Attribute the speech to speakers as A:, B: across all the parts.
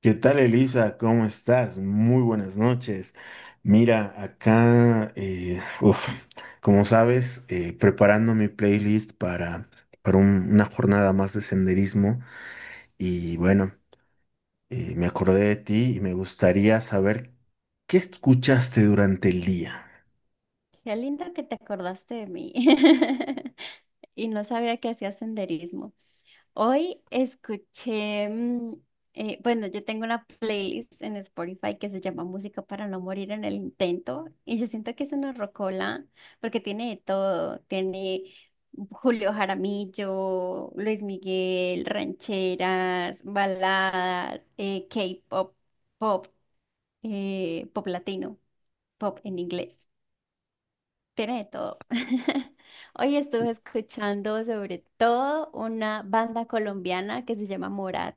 A: ¿Qué tal, Elisa? ¿Cómo estás? Muy buenas noches. Mira, acá, uf, como sabes, preparando mi playlist para una jornada más de senderismo y bueno, me acordé de ti y me gustaría saber qué escuchaste durante el día.
B: Qué lindo que te acordaste de mí. Y no sabía que hacía senderismo. Hoy escuché, mm, bueno, Yo tengo una playlist en Spotify que se llama Música para no morir en el intento. Y yo siento que es una rocola porque tiene de todo. Tiene Julio Jaramillo, Luis Miguel, rancheras, baladas, K-pop, pop, pop latino, pop en inglés. Tiene de todo. Hoy estuve escuchando sobre todo una banda colombiana que se llama Morat.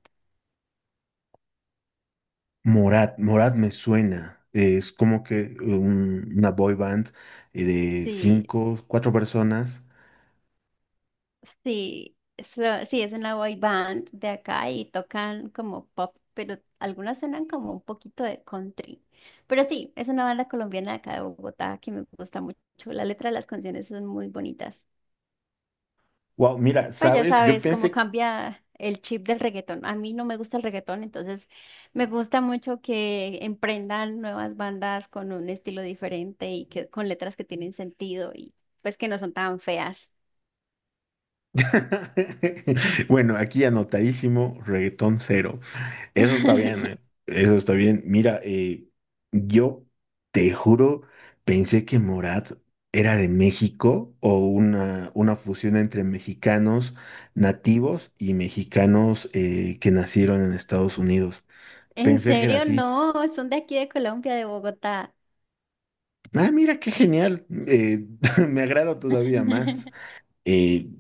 A: Morat, Morat me suena, es como que una boy band de
B: Sí,
A: cinco, cuatro personas.
B: Sí, sí, es una boy band de acá y tocan como pop, pero algunas suenan como un poquito de country. Pero sí, es una banda colombiana de acá de Bogotá que me gusta mucho. La letra de las canciones son muy bonitas.
A: Wow, mira,
B: Pues ya
A: ¿sabes? Yo
B: sabes cómo
A: pensé.
B: cambia el chip del reggaetón. A mí no me gusta el reggaetón, entonces me gusta mucho que emprendan nuevas bandas con un estilo diferente y que con letras que tienen sentido y pues que no son tan feas.
A: Bueno, aquí anotadísimo, reggaetón cero. Eso está bien, ¿eh? Eso está bien. Mira, yo te juro, pensé que Morat era de México o una fusión entre mexicanos nativos y mexicanos que nacieron en Estados Unidos.
B: En
A: Pensé que era
B: serio,
A: así.
B: no, son de aquí de Colombia, de Bogotá.
A: Ah, mira, qué genial. Me agrada todavía más. eh,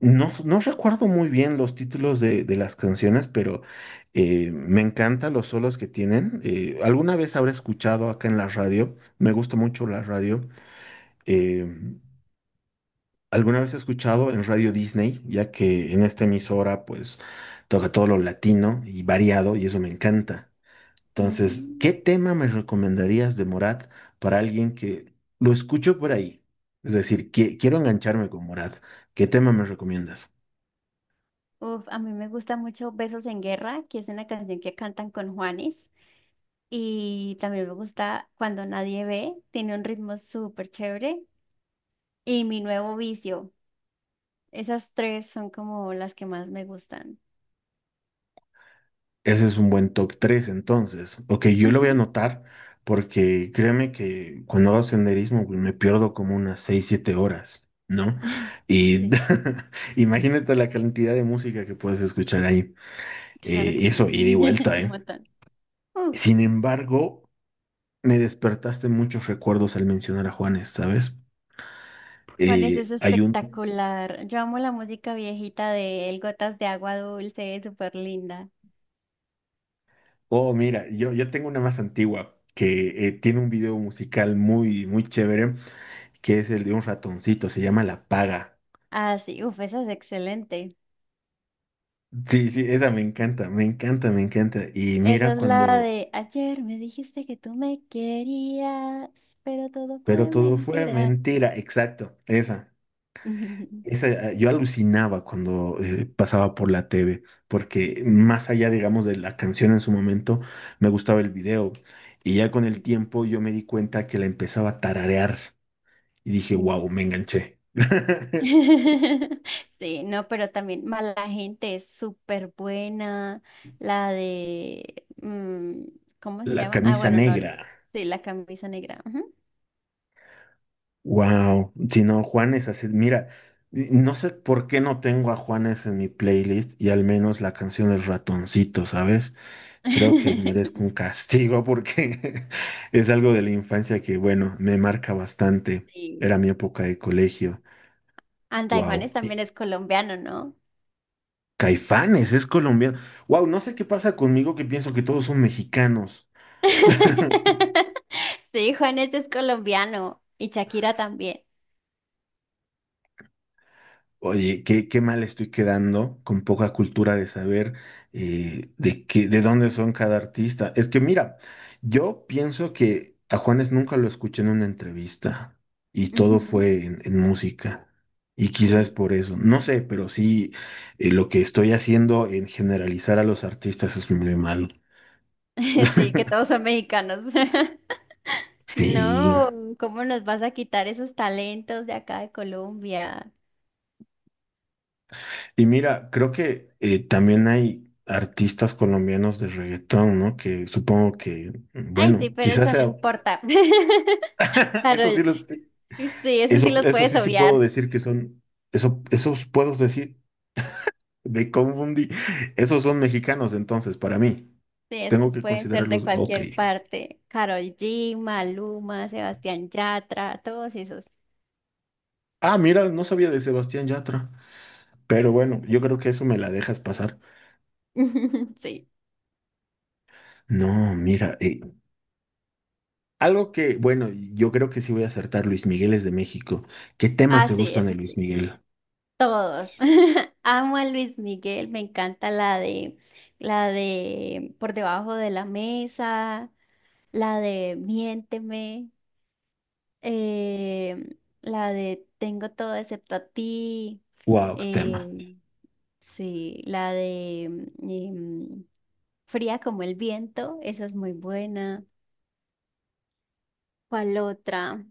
A: no recuerdo muy bien los títulos de las canciones, pero me encantan los solos que tienen. Alguna vez habré escuchado acá en la radio, me gusta mucho la radio. eh, alguna vez he escuchado en Radio Disney, ya que en esta emisora pues toca todo lo latino y variado y eso me encanta. Entonces, ¿qué
B: Mm.
A: tema me recomendarías de Morat para alguien que lo escucho por ahí? Es decir, quiero engancharme con Morat. ¿Qué tema me recomiendas?
B: Uf, a mí me gusta mucho Besos en Guerra, que es una canción que cantan con Juanes. Y también me gusta Cuando Nadie Ve, tiene un ritmo súper chévere. Y mi nuevo vicio. Esas tres son como las que más me gustan.
A: Ese es un buen top 3, entonces. Ok, yo lo
B: Ujú.
A: voy a anotar porque créeme que cuando hago senderismo güey, me pierdo como unas 6 7 horas, ¿no? Y
B: Sí,
A: imagínate la cantidad de música que puedes escuchar ahí.
B: claro que
A: Y eso,
B: sí.
A: ida y vuelta,
B: Un
A: ¿eh?
B: montón. Uf,
A: Sin embargo, me despertaste muchos recuerdos al mencionar a Juanes, ¿sabes?
B: Juan, es eso
A: Hay un...
B: espectacular. Yo amo la música viejita de el Gotas de Agua Dulce, es súper linda.
A: Oh, mira, yo tengo una más antigua que tiene un video musical muy chévere que es el de un ratoncito, se llama La Paga.
B: Ah, sí, uf, esa es excelente.
A: Sí, sí, esa me encanta, me encanta, me encanta. Y
B: Esa
A: mira
B: es la
A: cuando,
B: de ayer me dijiste que tú me querías, pero todo
A: pero
B: fue
A: todo fue
B: mentira.
A: mentira, exacto, esa. Esa, yo alucinaba cuando pasaba por la TV, porque más allá, digamos, de la canción en su momento, me gustaba el video. Y ya con el
B: Sí.
A: tiempo yo me di cuenta que la empezaba a tararear y dije, wow, me enganché.
B: Sí, no, pero también mala gente es súper buena. La de, mm, ¿cómo se
A: La
B: llama? Ah,
A: camisa
B: bueno, no.
A: negra.
B: Sí, la camisa negra. Ujú.
A: Wow, si no, Juanes, así, mira, y no sé por qué no tengo a Juanes en mi playlist y al menos la canción del ratoncito, ¿sabes? Creo que merezco un castigo porque es algo de la infancia que, bueno, me marca bastante.
B: Sí.
A: Era mi época de colegio.
B: Anda, y
A: Wow.
B: Juanes también es colombiano, ¿no?
A: Caifanes, es colombiano. Wow, no sé qué pasa conmigo que pienso que todos son mexicanos.
B: Sí, Juanes es colombiano y Shakira también.
A: Oye, qué mal estoy quedando con poca cultura de saber de qué, de dónde son cada artista. Es que mira, yo pienso que a Juanes nunca lo escuché en una entrevista y todo
B: Ujú.
A: fue en música. Y quizás
B: Sí.
A: por eso, no sé, pero sí, lo que estoy haciendo en generalizar a los artistas es muy malo.
B: Sí, que todos son mexicanos.
A: Sí.
B: No, ¿cómo nos vas a quitar esos talentos de acá de Colombia?
A: Y mira, creo que también hay artistas colombianos de reggaetón, ¿no? Que supongo que,
B: Ay, sí,
A: bueno,
B: pero
A: quizás
B: eso no
A: sea,
B: importa.
A: eso sí
B: Carol,
A: los,
B: sí, eso sí
A: eso,
B: los
A: eso
B: puedes
A: sí sí puedo
B: obviar.
A: decir que son, eso, esos puedo decir, me confundí, esos son mexicanos entonces, para mí,
B: Sí,
A: tengo
B: esos
A: que
B: pueden ser de
A: considerarlos, ok.
B: cualquier parte. Carol G, Maluma, Sebastián Yatra, todos esos.
A: Ah, mira, no sabía de Sebastián Yatra, pero bueno, yo creo que eso me la dejas pasar.
B: Sí.
A: No, mira, algo que, bueno, yo creo que sí voy a acertar, Luis Miguel es de México. ¿Qué temas
B: Ah,
A: te
B: sí,
A: gustan de
B: eso
A: Luis
B: sí.
A: Miguel?
B: Todos. Amo a Luis Miguel, me encanta la de Por debajo de la mesa, la de Miénteme, eh, la de Tengo todo excepto a ti.
A: Wow, qué tema.
B: em, Sí, la de em, Fría como el viento, esa es muy buena. ¿Cuál otra?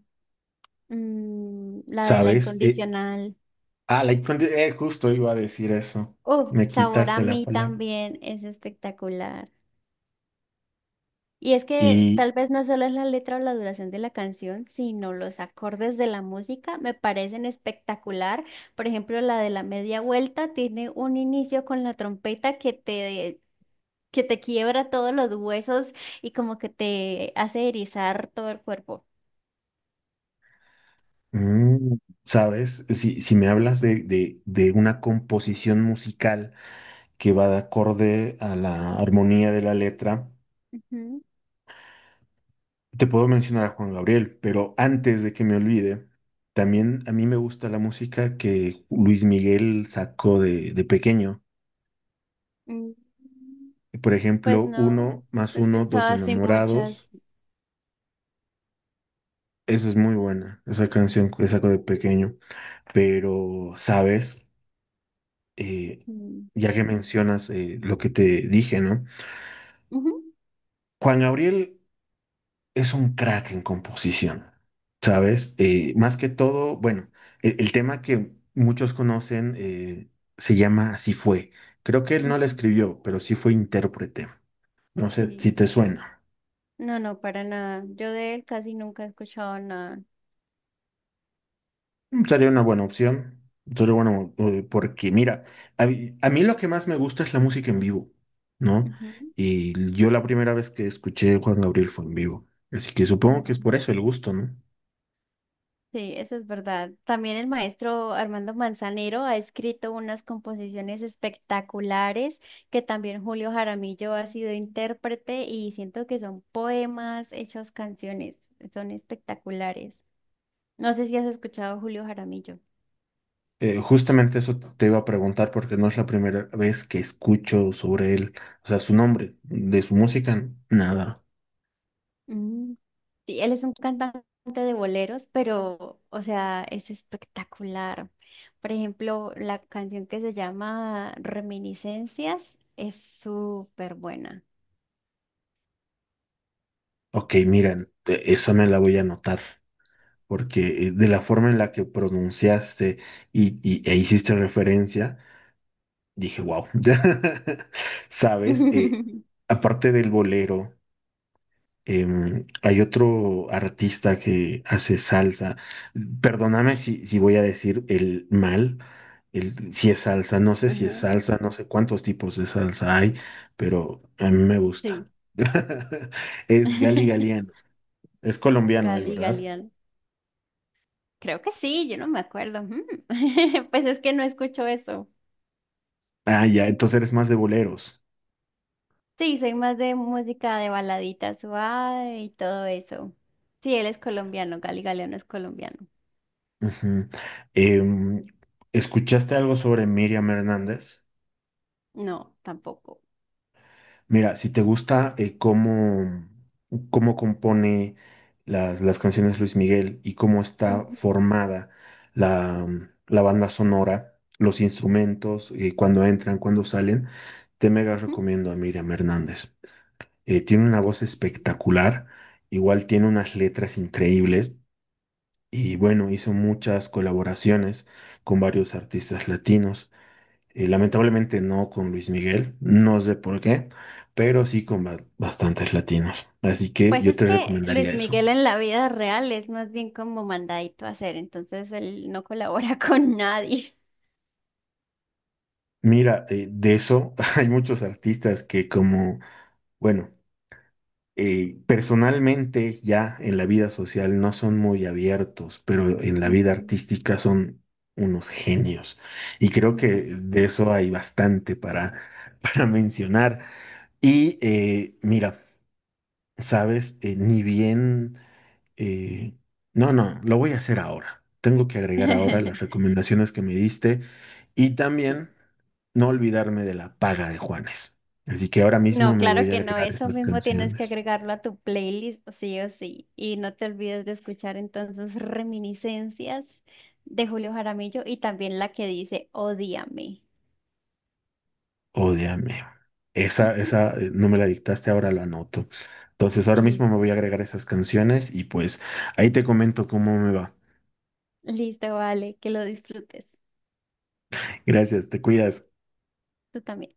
B: Mm, la de la
A: ¿Sabes?
B: incondicional.
A: Ah, justo iba a decir eso.
B: Uf,
A: Me
B: Sabor a
A: quitaste la
B: mí
A: palabra.
B: también es espectacular. Y es que
A: Y,
B: tal vez no solo es la letra o la duración de la canción, sino los acordes de la música me parecen espectacular. Por ejemplo, la de la media vuelta tiene un inicio con la trompeta que te quiebra todos los huesos y como que te hace erizar todo el cuerpo.
A: mm, ¿sabes? Si, si me hablas de una composición musical que va de acorde a la armonía de la letra,
B: Ujú.
A: te puedo mencionar a Juan Gabriel, pero antes de que me olvide, también a mí me gusta la música que Luis Miguel sacó de pequeño.
B: Mm,
A: Por
B: Pues
A: ejemplo,
B: no, no
A: Uno más
B: he
A: uno, dos
B: escuchado así muchas.
A: enamorados. Esa es muy buena, esa canción que saco de pequeño. Pero, ¿sabes? Eh,
B: Mm.
A: ya que mencionas lo que te dije, ¿no?
B: Ujú.
A: Juan Gabriel es un crack en composición, ¿sabes? Más que todo, bueno, el tema que muchos conocen se llama Así fue. Creo que él no la
B: Ujú.
A: escribió, pero sí fue intérprete. No sé
B: Sí.
A: si te suena.
B: No, no, para nada. Yo de él casi nunca he escuchado nada.
A: Mm, sería una buena opción. Sería bueno, porque mira, a mí lo que más me gusta es la música en vivo, ¿no?
B: Ujú.
A: Y yo la primera vez que escuché Juan Gabriel fue en vivo. Así que supongo que es por
B: Mm.
A: eso el gusto, ¿no?
B: Sí, eso es verdad. También el maestro Armando Manzanero ha escrito unas composiciones espectaculares que también Julio Jaramillo ha sido intérprete y siento que son poemas hechos canciones. Son espectaculares. No sé si has escuchado a Julio Jaramillo.
A: Justamente eso te iba a preguntar porque no es la primera vez que escucho sobre él, o sea, su nombre, de su música, nada.
B: Mm. Sí, él es un cantante de boleros, pero, o sea, es espectacular. Por ejemplo, la canción que se llama Reminiscencias es súper buena.
A: Ok, miren, esa me la voy a anotar, porque de la forma en la que pronunciaste e hiciste referencia. Dije, wow. ¿Sabes? Aparte del bolero, em, hay otro artista que hace salsa. Perdóname si, si voy a decir el mal, el, si es salsa, no sé si es
B: Ajá,
A: salsa, no sé cuántos tipos de salsa hay, pero a mí me gusta.
B: sí.
A: Es Gali Galiano. Es colombiano él,
B: Gali,
A: ¿verdad?
B: Galeano. Creo que sí, yo no me acuerdo. Mm. Pues es que no escucho eso.
A: Ah, ya, entonces eres más de boleros.
B: Sí, soy más de música de baladita suave y todo eso. Sí, él es colombiano, Gali Galeano es colombiano.
A: Ujú. Em, ¿escuchaste algo sobre Miriam Hernández?
B: No, tampoco.
A: Mira, si te gusta cómo, cómo compone las canciones Luis Miguel y cómo está
B: Ujú.
A: formada la, mm, la banda sonora, los instrumentos, cuando entran, cuando salen, te mega
B: Ujú.
A: recomiendo a Miriam Hernández. Tiene una voz espectacular, igual tiene unas letras increíbles y bueno, hizo muchas colaboraciones con varios artistas latinos. Lamentablemente no con Luis Miguel, no sé por qué, pero sí con
B: Mm.
A: bastantes latinos. Así que
B: Pues
A: yo
B: es
A: te
B: que Luis
A: recomendaría eso.
B: Miguel en la vida real es más bien como mandadito a hacer, entonces él no colabora con nadie.
A: Mira, de eso hay muchos artistas que como, bueno, personalmente ya en la vida social no son muy abiertos, pero en la vida
B: Ujú.
A: artística son unos genios. Y creo que
B: Ujú.
A: de eso hay bastante para, para mencionar. Y mira. ¿Sabes? Ni bien... eh, no, no, lo voy a hacer ahora. Tengo que agregar ahora las recomendaciones que me diste y
B: Sí.
A: también no olvidarme de la paga de Juanes. Así que ahora mismo
B: No,
A: me
B: claro
A: voy a
B: que no,
A: agregar
B: eso
A: esas
B: mismo tienes que
A: canciones.
B: agregarlo a tu playlist, sí o sí. Y no te olvides de escuchar entonces Reminiscencias de Julio Jaramillo y también la que dice Odíame.
A: Ódeame. Esa,
B: Ujú.
A: esa, no me la dictaste, ahora la anoto. Entonces ahora mismo me
B: Listo.
A: voy a agregar esas canciones y pues ahí te comento cómo me va.
B: Listo, vale, que lo disfrutes.
A: Gracias, te cuidas.
B: Tú también.